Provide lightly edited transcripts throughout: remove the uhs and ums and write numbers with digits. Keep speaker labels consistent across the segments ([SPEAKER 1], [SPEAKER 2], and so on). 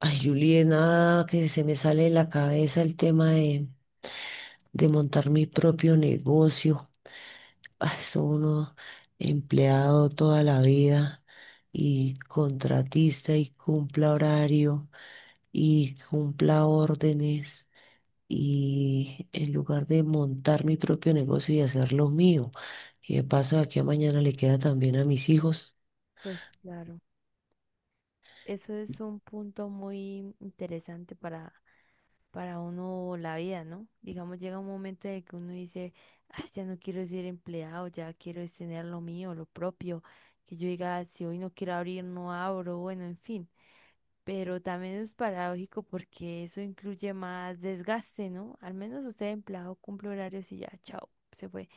[SPEAKER 1] Ay, Julie, nada que se me sale de la cabeza el tema de montar mi propio negocio. Ay, soy uno empleado toda la vida y contratista y cumpla horario y cumpla órdenes. Y en lugar de montar mi propio negocio y hacerlo mío, y de paso de aquí a mañana le queda también a mis hijos.
[SPEAKER 2] Pues claro, eso es un punto muy interesante para uno la vida, ¿no? Digamos, llega un momento en el que uno dice, "Ay, ya no quiero ser empleado, ya quiero es tener lo mío, lo propio, que yo diga, "Ah, si hoy no quiero abrir, no abro, bueno, en fin". Pero también es paradójico porque eso incluye más desgaste, ¿no? Al menos usted empleado cumple horarios y ya, chao, se fue.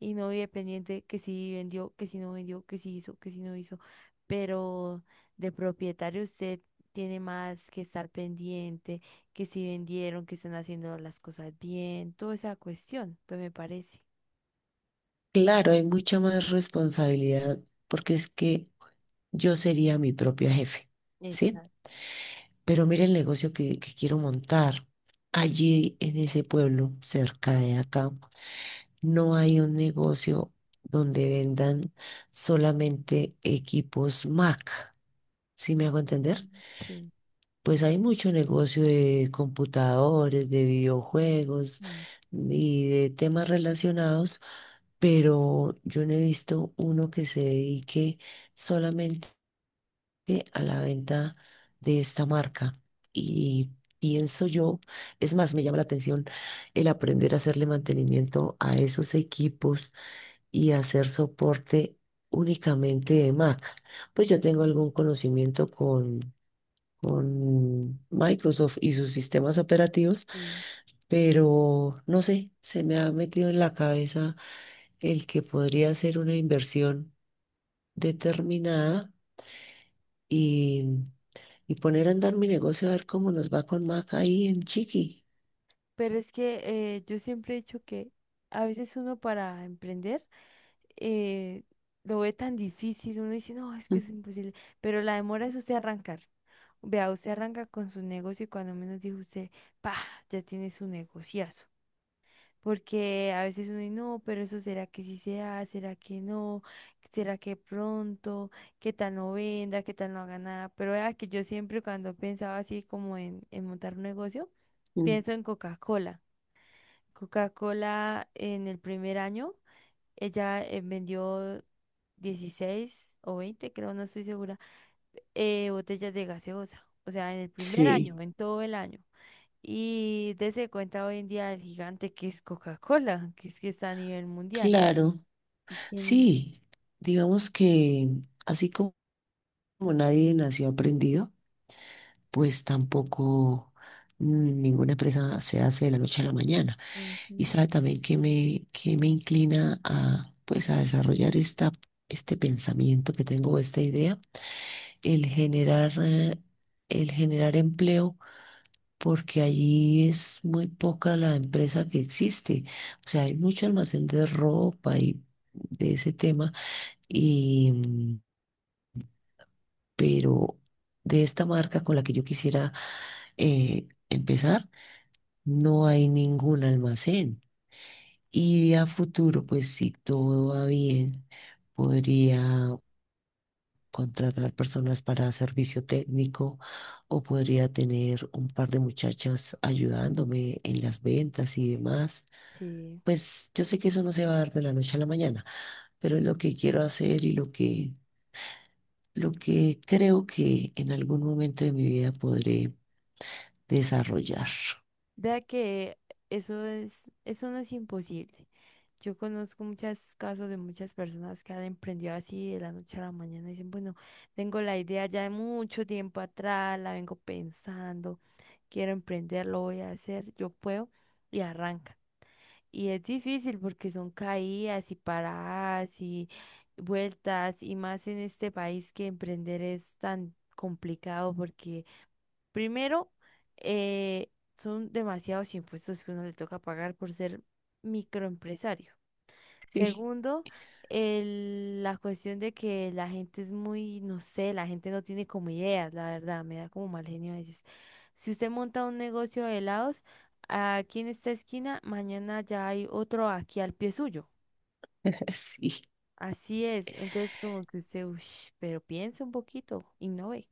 [SPEAKER 2] Y no vive pendiente que si vendió, que si no vendió, que si hizo, que si no hizo. Pero de propietario usted tiene más que estar pendiente, que si vendieron, que están haciendo las cosas bien, toda esa cuestión, pues me parece.
[SPEAKER 1] Claro, hay mucha más responsabilidad porque es que yo sería mi propia jefe, ¿sí?
[SPEAKER 2] Exacto.
[SPEAKER 1] Pero mira el negocio que quiero montar. Allí en ese pueblo, cerca de acá, no hay un negocio donde vendan solamente equipos Mac. ¿Sí me hago entender?
[SPEAKER 2] Mm, sí.
[SPEAKER 1] Pues hay mucho negocio de computadores, de videojuegos
[SPEAKER 2] Mm,
[SPEAKER 1] y de temas relacionados, pero yo no he visto uno que se dedique solamente a la venta de esta marca. Y pienso yo, es más, me llama la atención el aprender a hacerle mantenimiento a esos equipos y hacer soporte únicamente de Mac. Pues yo tengo algún conocimiento con Microsoft y sus sistemas operativos,
[SPEAKER 2] sí.
[SPEAKER 1] pero no sé, se me ha metido en la cabeza el que podría ser una inversión determinada y y poner a andar mi negocio a ver cómo nos va con Mac ahí en Chiqui.
[SPEAKER 2] Pero es que yo siempre he dicho que a veces uno para emprender eh, lo ve tan difícil, uno dice, no, es que es imposible, pero la demora es usted arrancar. Vea, usted arranca con su negocio y cuando menos dijo usted, pa, ya tiene su negociazo. Porque a veces uno y no, pero eso será que sí se da, será que no, será que pronto, qué tal no venda, qué tal no haga nada. Pero vea que yo siempre cuando pensaba así como en montar un negocio,
[SPEAKER 1] Ujú.
[SPEAKER 2] pienso en Coca-Cola. Coca-Cola en el primer año, ella vendió 16 o 20 creo, no estoy segura, botellas de gaseosa. O sea, en el primer
[SPEAKER 1] Sí,
[SPEAKER 2] año, en todo el año. Y dése cuenta hoy en día el gigante que es Coca-Cola, que es que está a nivel mundial.
[SPEAKER 1] claro.
[SPEAKER 2] Y quien,
[SPEAKER 1] Sí, digamos que así como nadie nació aprendido, pues tampoco ninguna empresa se hace de la noche a la mañana. Y
[SPEAKER 2] ujú,
[SPEAKER 1] sabe también que que me inclina a, pues, a desarrollar este pensamiento que tengo, esta idea, el generar, eh, el generar empleo porque allí es muy poca la empresa que existe. O sea, hay mucho almacén de ropa y de ese tema, y, pero de esta marca con la que yo quisiera empezar, no hay ningún almacén. Y a futuro, pues si todo va bien, podría contratar personas para servicio técnico o podría tener un par de muchachas ayudándome en las ventas y demás.
[SPEAKER 2] sí.
[SPEAKER 1] Pues yo sé que eso no se va a dar de la noche a la mañana, pero es lo que quiero hacer y lo que creo que en algún momento de mi vida podré desarrollar.
[SPEAKER 2] Vea que eso es, eso no es imposible. Yo conozco muchos casos de muchas personas que han emprendido así de la noche a la mañana. Dicen, bueno, tengo la idea ya de mucho tiempo atrás, la vengo pensando, quiero emprender, lo voy a hacer, yo puedo, y arrancan. Y es difícil porque son caídas y paradas y vueltas y más en este país que emprender es tan complicado porque primero eh, son demasiados impuestos que uno le toca pagar por ser microempresario.
[SPEAKER 1] Sí.
[SPEAKER 2] Segundo, la cuestión de que la gente es muy, no sé, la gente no tiene como ideas, la verdad, me da como mal genio a veces. Si usted monta un negocio de helados, aquí en esta esquina, mañana ya hay otro aquí al pie suyo.
[SPEAKER 1] Sí,
[SPEAKER 2] Así es, entonces como que usted, uff, pero piensa un poquito, innove.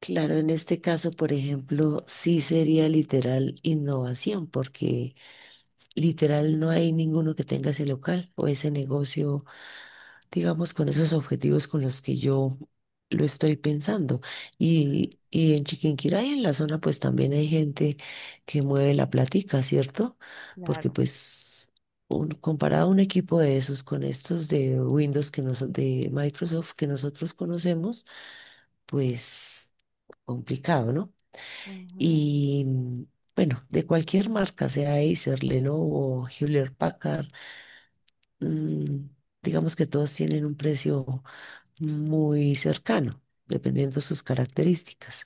[SPEAKER 1] claro, en este caso, por ejemplo, sí sería literal innovación, porque literal no hay ninguno que tenga ese local o ese negocio digamos, con esos objetivos con los que yo lo estoy pensando. Y en Chiquinquirá y en la zona, pues también hay gente que mueve la platica, ¿cierto? Porque
[SPEAKER 2] Claro.
[SPEAKER 1] pues un- comparado un equipo de esos con estos de Windows que noso- de Microsoft que nosotros conocemos, pues complicado, ¿no?
[SPEAKER 2] Ujú,
[SPEAKER 1] Y bueno, de cualquier marca, sea Acer, Lenovo, Hewlett Packard, mm, digamos que todos tienen un precio muy cercano, dependiendo de sus características.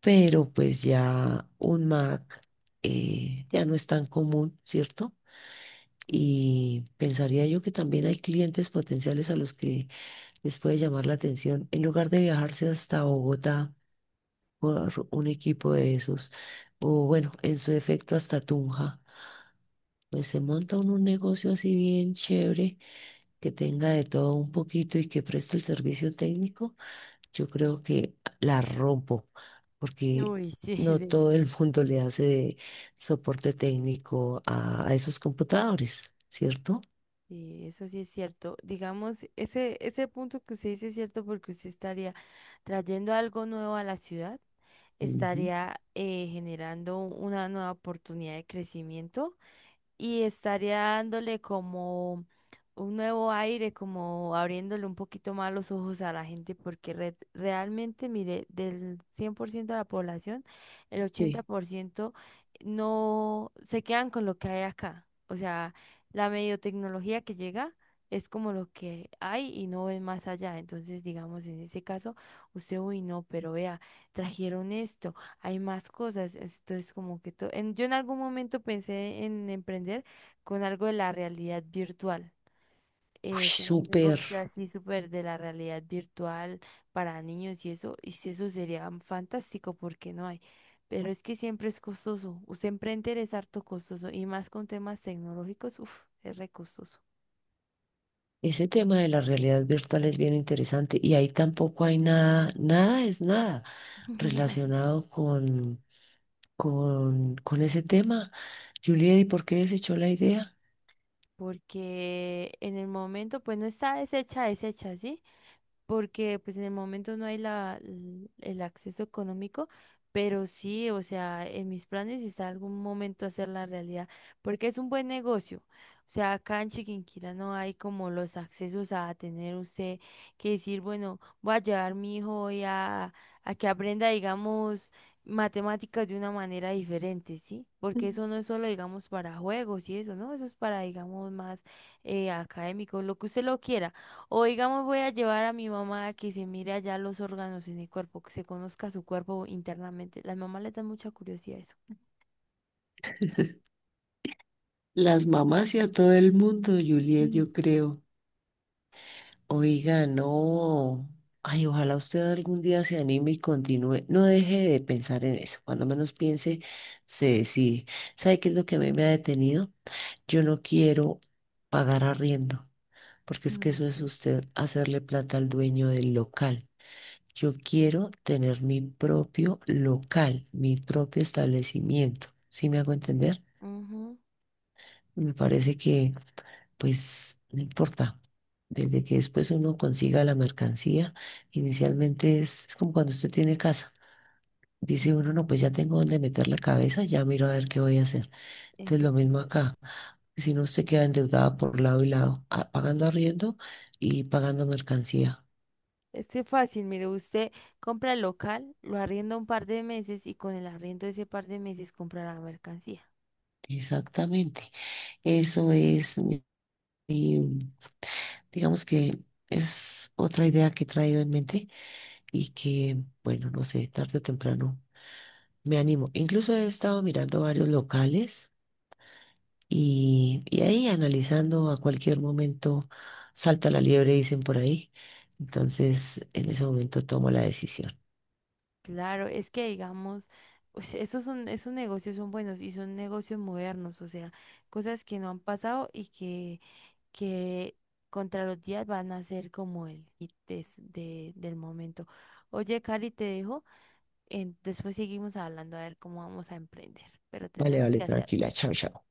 [SPEAKER 1] Pero pues ya un Mac ya no es tan común, ¿cierto?
[SPEAKER 2] sí.
[SPEAKER 1] Y pensaría yo que también hay clientes potenciales a los que les puede llamar la atención, en lugar de viajarse hasta Bogotá por un equipo de esos, o bueno, en su defecto hasta Tunja. Pues se monta uno un negocio así bien chévere, que tenga de todo un poquito y que preste el servicio técnico. Yo creo que la rompo, porque
[SPEAKER 2] Uy, sí,
[SPEAKER 1] no todo el mundo le hace de soporte técnico a esos computadores, ¿cierto?
[SPEAKER 2] sí, eso sí es cierto. Digamos, ese punto que usted dice es cierto porque usted estaría trayendo algo nuevo a la ciudad,
[SPEAKER 1] Ujú.
[SPEAKER 2] estaría generando una nueva oportunidad de crecimiento y estaría dándole como un nuevo aire, como abriéndole un poquito más los ojos a la gente, porque realmente, mire, del 100% de la población, el ochenta
[SPEAKER 1] Sí.
[SPEAKER 2] por ciento no se quedan con lo que hay acá. O sea, la medio tecnología que llega es como lo que hay y no ven más allá. Entonces, digamos, en ese caso, usted, uy, no, pero vea, trajeron esto hay más cosas. Entonces, como que yo en algún momento pensé en emprender con algo de la realidad virtual,
[SPEAKER 1] Uy,
[SPEAKER 2] como un
[SPEAKER 1] súper.
[SPEAKER 2] negocio así súper de la realidad virtual para niños y eso, y si eso sería fantástico porque no hay. Pero es que siempre es costoso. Usted emprender es harto costoso y más con temas tecnológicos, uff, es re costoso.
[SPEAKER 1] Ese tema de la realidad virtual es bien interesante y ahí tampoco hay nada, nada es nada relacionado con ese tema. Juliet, ¿y por qué desechó la idea?
[SPEAKER 2] Porque en el momento, pues no está deshecha, deshecha, ¿sí? Porque pues en el momento no hay el acceso económico, pero sí, o sea, en mis planes está algún momento hacer la realidad, porque es un buen negocio. O sea, acá en Chiquinquirá no hay como los accesos a tener usted que decir, bueno, voy a llevar mi hijo hoy a que aprenda, digamos, matemáticas de una manera diferente, ¿sí? Porque eso no es solo, digamos, para juegos y eso, ¿no? Eso es para, digamos, más académico, lo que usted lo quiera. O digamos, voy a llevar a mi mamá a que se mire allá los órganos en el cuerpo, que se conozca su cuerpo internamente. Las mamás les dan mucha curiosidad a eso.
[SPEAKER 1] Las mamás y a todo el mundo,
[SPEAKER 2] Sí,
[SPEAKER 1] Juliet, yo creo. Oiga, no. Ay, ojalá usted algún día se anime y continúe. No deje de pensar en eso. Cuando menos piense, se decide. ¿Sabe qué es lo que a mí me ha detenido? Yo no quiero pagar arriendo, porque es que
[SPEAKER 2] mm,
[SPEAKER 1] eso es
[SPEAKER 2] sí,
[SPEAKER 1] usted hacerle plata al dueño del local. Yo quiero tener mi propio local, mi propio establecimiento. ¿Sí me hago entender?
[SPEAKER 2] ujú.
[SPEAKER 1] Me parece que pues no importa. Desde que después uno consiga la mercancía, inicialmente es como cuando usted tiene casa. Dice uno, no, pues ya tengo dónde meter la cabeza, ya miro a ver qué voy a hacer. Entonces
[SPEAKER 2] Eso
[SPEAKER 1] lo
[SPEAKER 2] sí es
[SPEAKER 1] mismo
[SPEAKER 2] cierto.
[SPEAKER 1] acá. Si no, usted queda endeudada por lado y lado, a- pagando arriendo y pagando mercancía.
[SPEAKER 2] Este es que fácil, mire, usted compra el local, lo arrienda un par de meses y con el arriendo de ese par de meses compra la mercancía.
[SPEAKER 1] Exactamente. Eso es mi, mi- digamos que es otra idea que he traído en mente y que, bueno, no sé, tarde o temprano me animo. Incluso he estado mirando varios locales y ahí analizando a cualquier momento salta la liebre, dicen por ahí. Entonces, en ese momento tomo la decisión.
[SPEAKER 2] Claro, es que digamos, pues, estos son, esos negocios son buenos y son negocios modernos, o sea, cosas que no han pasado y que contra los días van a ser como el hit del momento. Oye, Cari, te dejo. Después seguimos hablando a ver cómo vamos a emprender, pero
[SPEAKER 1] Vale,
[SPEAKER 2] tenemos
[SPEAKER 1] vale,
[SPEAKER 2] que hacerlo.
[SPEAKER 1] tranquila. Chao, chao.